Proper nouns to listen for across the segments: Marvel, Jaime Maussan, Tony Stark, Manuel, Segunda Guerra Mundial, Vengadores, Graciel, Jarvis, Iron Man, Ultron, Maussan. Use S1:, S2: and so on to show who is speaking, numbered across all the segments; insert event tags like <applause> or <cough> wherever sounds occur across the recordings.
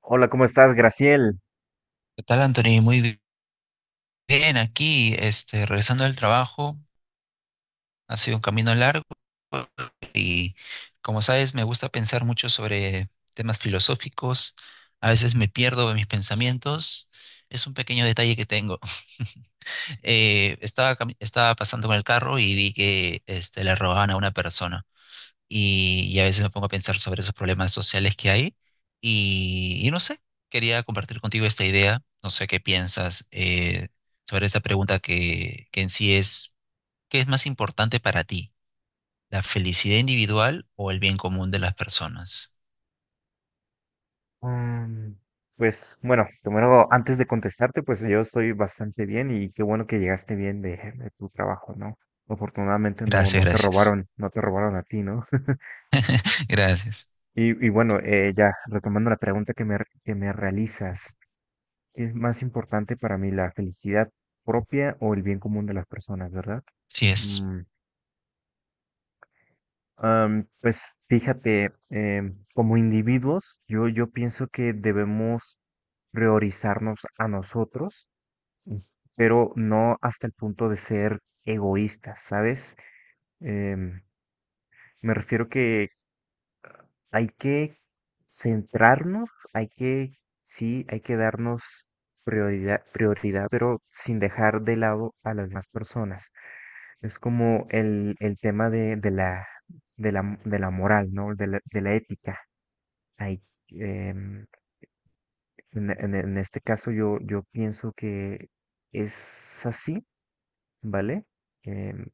S1: Hola, ¿cómo estás, Graciel?
S2: ¿Qué tal, Anthony? Muy bien, aquí, regresando del trabajo, ha sido un camino largo y, como sabes, me gusta pensar mucho sobre temas filosóficos. A veces me pierdo en mis pensamientos. Es un pequeño detalle que tengo. <laughs> Estaba pasando con el carro y vi que, le robaban a una persona. Y a veces me pongo a pensar sobre esos problemas sociales que hay y no sé, quería compartir contigo esta idea, no sé qué piensas sobre esta pregunta que en sí es, ¿qué es más importante para ti? ¿La felicidad individual o el bien común de las personas?
S1: Mm, pues bueno, primero, antes de contestarte, pues yo estoy bastante bien y qué bueno que llegaste bien de tu trabajo, ¿no? Afortunadamente
S2: Gracias,
S1: no te
S2: gracias.
S1: robaron, no te robaron a ti, ¿no? <laughs>
S2: <laughs> Gracias.
S1: Y bueno, ya retomando la pregunta que me realizas, ¿qué es más importante para mí, la felicidad propia o el bien común de las personas, verdad?
S2: Sí es.
S1: Mm, pues fíjate, como individuos, yo pienso que debemos priorizarnos a nosotros, es- pero no hasta el punto de ser egoístas, ¿sabes? Em, me refiero que hay que centrarnos, hay que, sí, hay que darnos prioridad, pero sin dejar de lado a las demás personas. Es como el tema de la moral, ¿no? De la ética. Hay, em, en- En este caso yo pienso que es así, ¿vale? Em,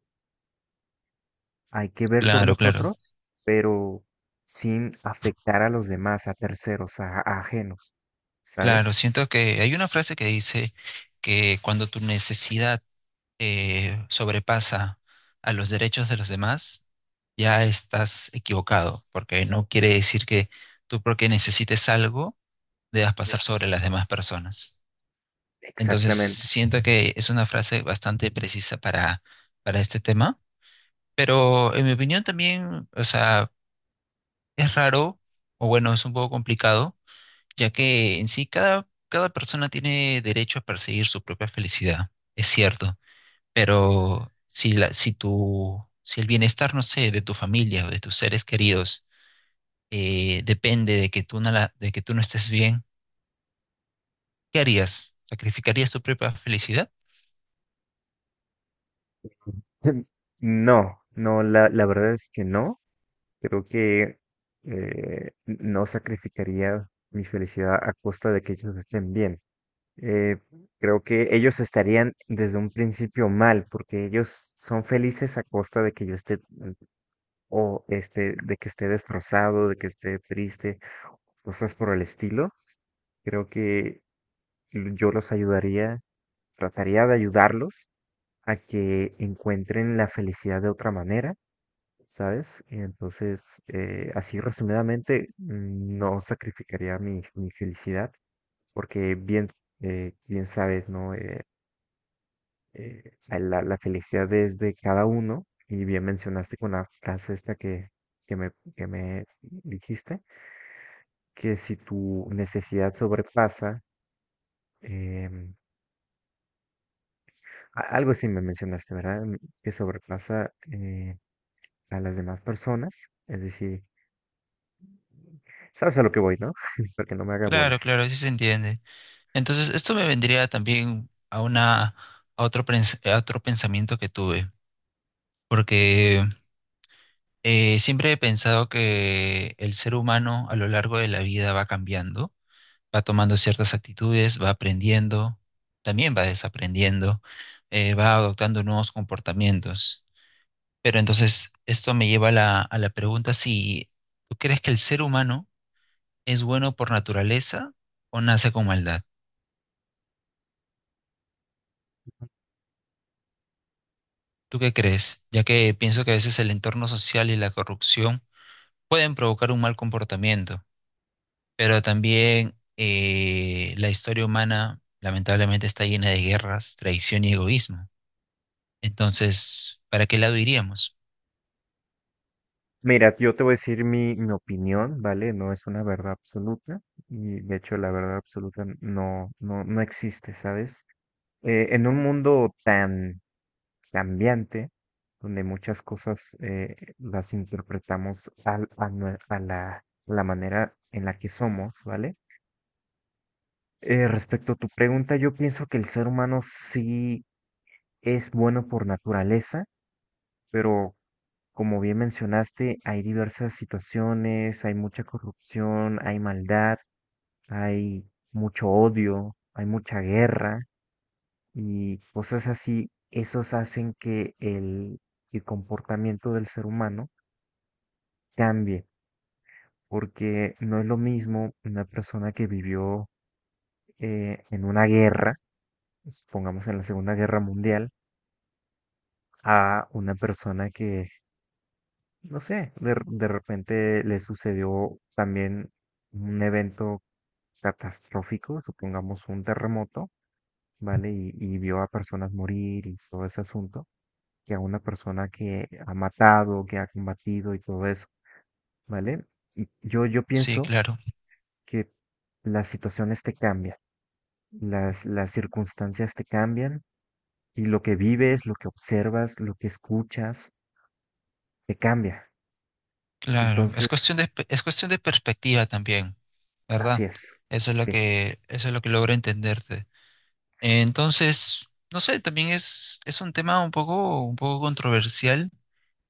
S1: hay que ver por
S2: Claro, claro.
S1: nosotros, pero sin afectar a los demás, a terceros, a ajenos,
S2: Claro,
S1: ¿sabes?
S2: siento que hay una frase que dice que cuando tu necesidad sobrepasa a los derechos de los demás, ya estás equivocado, porque no quiere decir que tú porque necesites algo debas pasar sobre las demás personas. Entonces,
S1: Exactamente.
S2: siento que es una frase bastante precisa para este tema, pero en mi opinión también, o sea, es raro, o bueno, es un poco complicado, ya que en sí cada persona tiene derecho a perseguir su propia felicidad, es cierto, pero si, la, si, tu, si el bienestar, no sé, de tu familia o de tus seres queridos, depende de que tú no la- de que tú no estés bien, ¿qué harías? ¿Sacrificarías tu propia felicidad?
S1: <laughs> No, no, La verdad es que no. Creo que no sacrificaría mi felicidad a costa de que ellos estén bien. Eh, Creo que ellos estarían desde un principio mal, porque ellos son felices a costa de que yo esté o este, de que esté destrozado, de que esté triste, cosas por el estilo. Creo que yo los ayudaría, trataría de ayudarlos a que encuentren la felicidad de otra manera, ¿sabes? Y entonces, así resumidamente, no sacrificaría mi felicidad, porque bien, bien sabes, ¿no? La felicidad es de cada uno, y bien mencionaste con la frase esta que me dijiste que si tu necesidad sobrepasa, em, algo sí me mencionaste, ¿verdad? Que sobrepasa a las demás personas, es decir, sabes a lo que voy, ¿no? <laughs> Para que no me haga
S2: Claro,
S1: bolas.
S2: claro, sí se entiende. Entonces, esto me vendría también a una, a otro pensamiento que tuve, porque siempre he pensado que el ser humano a lo largo de la vida va cambiando, va tomando ciertas actitudes, va aprendiendo, también va desaprendiendo, va adoptando nuevos comportamientos. Pero entonces esto me lleva a a la pregunta si tú crees que el ser humano es bueno por naturaleza o nace con maldad. ¿Tú qué crees? Ya que pienso que a veces el entorno social y la corrupción pueden provocar un mal comportamiento, pero también la historia humana lamentablemente está llena de guerras, traición y egoísmo. Entonces, ¿para qué lado iríamos?
S1: Mira, yo te voy a decir mi opinión, ¿vale? No es una verdad absoluta y de hecho la verdad absoluta no existe, ¿sabes? En un mundo tan cambiante, donde muchas cosas las interpretamos al- a, nue- a la, la manera en la que somos, ¿vale? Respecto a tu pregunta, yo pienso que el ser humano sí es bueno por naturaleza, pero como bien mencionaste, hay diversas situaciones, hay mucha corrupción, hay maldad, hay mucho odio, hay mucha guerra y cosas así. Esos hacen que el comportamiento del ser humano cambie, porque no es lo mismo una persona que vivió en una guerra, supongamos en la Segunda Guerra Mundial, a una persona que, no sé, de repente le sucedió también un evento catastrófico, supongamos un terremoto, ¿vale? Y vio a personas morir y todo ese asunto, que a una persona que ha matado, que ha combatido y todo eso, ¿vale? Yo
S2: Sí,
S1: pienso
S2: claro.
S1: que las situaciones te cambian, las circunstancias te cambian y lo que vives, lo que observas, lo que escuchas, te cambia.
S2: Claro, es
S1: Entonces,
S2: cuestión de, es cuestión de perspectiva también,
S1: así
S2: ¿verdad?
S1: es,
S2: Eso es lo
S1: sí.
S2: que, eso es lo que logro entenderte. Entonces, no sé, también es un tema un poco controversial,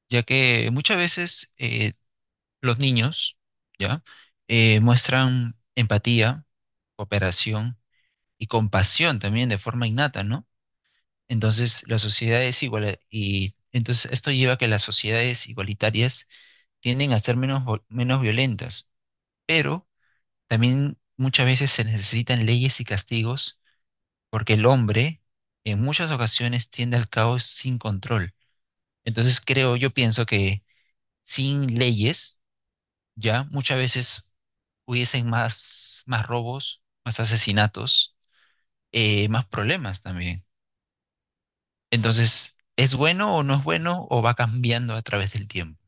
S2: ya que muchas veces los niños, ¿ya? Muestran empatía, cooperación y compasión también de forma innata, ¿no? Entonces, la sociedad es igual y entonces esto lleva a que las sociedades igualitarias tienden a ser menos violentas pero también muchas veces se necesitan leyes y castigos porque el hombre en muchas ocasiones tiende al caos sin control. Entonces creo, yo pienso que sin leyes ya muchas veces hubiesen más robos, más asesinatos, más problemas también. Entonces, ¿es bueno o no es bueno o va cambiando a través del tiempo?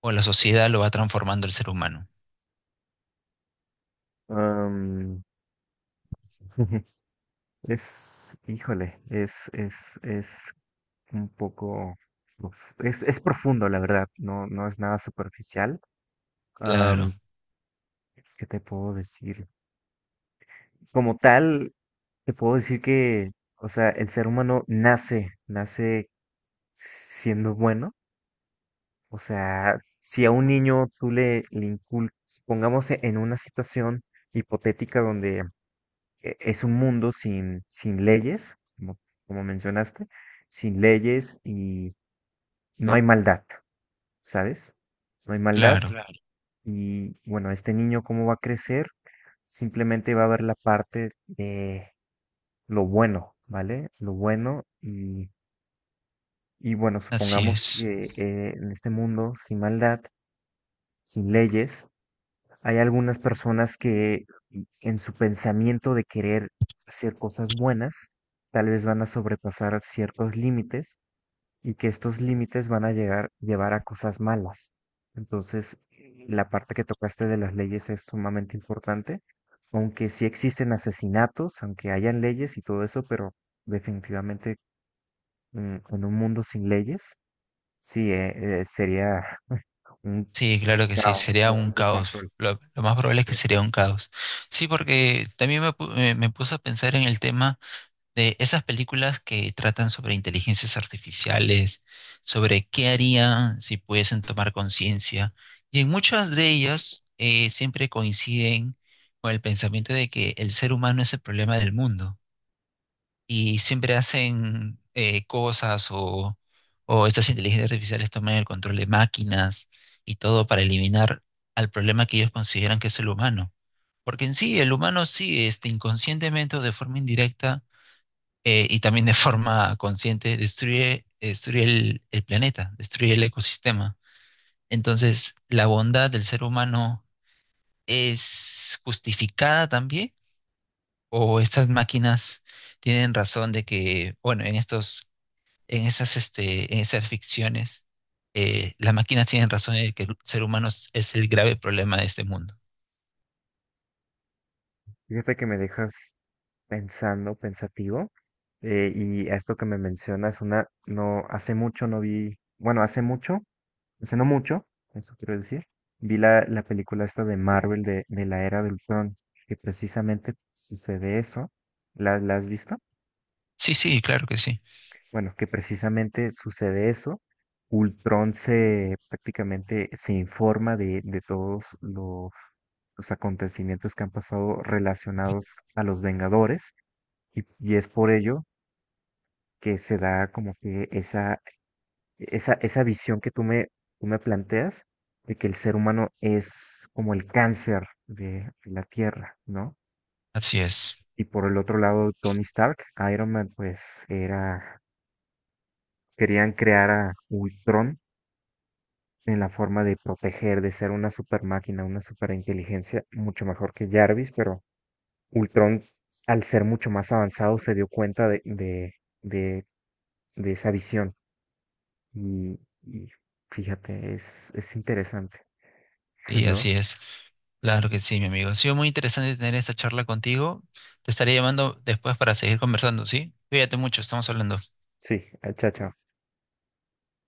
S2: O la
S1: Sí.
S2: sociedad lo va transformando el ser humano.
S1: Am, <laughs> Híjole, es un poco, uf, es profundo, la verdad, no es nada superficial.
S2: Claro,
S1: Am, ¿Qué te puedo decir? Como tal, te puedo decir que, o sea, el ser humano nace siendo bueno. O sea, si a un niño tú le inculcas, pongamos en una situación hipotética donde es un mundo sin leyes, como, como mencionaste, sin leyes y no hay maldad, ¿sabes? No hay maldad
S2: claro,
S1: y bueno, este niño cómo va a crecer, simplemente va a ver la parte de lo bueno, ¿vale? Lo bueno y bueno,
S2: así
S1: supongamos
S2: es.
S1: que en este mundo sin maldad, sin leyes, hay algunas personas que en su pensamiento de querer hacer cosas buenas, tal vez van a sobrepasar ciertos límites y que estos límites van a llevar a cosas malas. Entonces, la parte que tocaste de las leyes es sumamente importante, aunque sí existen asesinatos, aunque hayan leyes y todo eso, pero definitivamente, en un mundo sin leyes, sí, sería <laughs> un
S2: Sí, claro que sí,
S1: caos,
S2: sería
S1: un
S2: un caos.
S1: descontrol.
S2: Lo más probable es
S1: Así
S2: que
S1: es.
S2: sería un caos. Sí, porque también me puse a pensar en el tema de esas películas que tratan sobre inteligencias artificiales, sobre qué harían si pudiesen tomar conciencia. Y en muchas de ellas siempre coinciden con el pensamiento de que el ser humano es el problema del mundo y siempre hacen cosas o estas inteligencias artificiales toman el control de máquinas y todo para eliminar al problema que ellos consideran que es el humano. Porque en sí, el humano sí, inconscientemente o de forma indirecta y también de <laughs> forma consciente, destruye, destruye el planeta, destruye el ecosistema. Entonces, ¿la bondad del ser humano es justificada también? ¿O estas máquinas tienen razón de que, bueno, en estos en esas, en esas ficciones, las máquinas tienen razón en que el ser humano es el grave problema de este mundo?
S1: Fíjate que me dejas pensando, pensativo. Y esto que me mencionas, una, no, hace mucho no vi, bueno, hace mucho, hace no mucho, eso quiero decir, vi la película esta de Marvel de la era del Ultron, que precisamente sucede eso. La has visto?
S2: Sí, sí, claro que sí.
S1: Bueno, que precisamente sucede eso. Ultron se prácticamente se informa de todos los acontecimientos que han pasado relacionados a los Vengadores y es por ello que se da como que esa visión tú me planteas de que el ser humano es como el cáncer de la Tierra, ¿no?
S2: Así es.
S1: Y por el otro lado, Tony Stark, Iron Man, pues era, querían crear a Ultron en la forma de proteger, de ser una super máquina, una super inteligencia, mucho mejor que Jarvis, pero Ultron, al ser mucho más avanzado, se dio cuenta de de esa visión. Y fíjate, es interesante, <laughs>
S2: Sí,
S1: ¿no?
S2: así es. Claro que sí, mi amigo. Ha sido muy interesante tener esta charla contigo. Te estaré llamando después para seguir conversando, ¿sí? Cuídate mucho, estamos hablando.
S1: Sí, ah, chao, chao.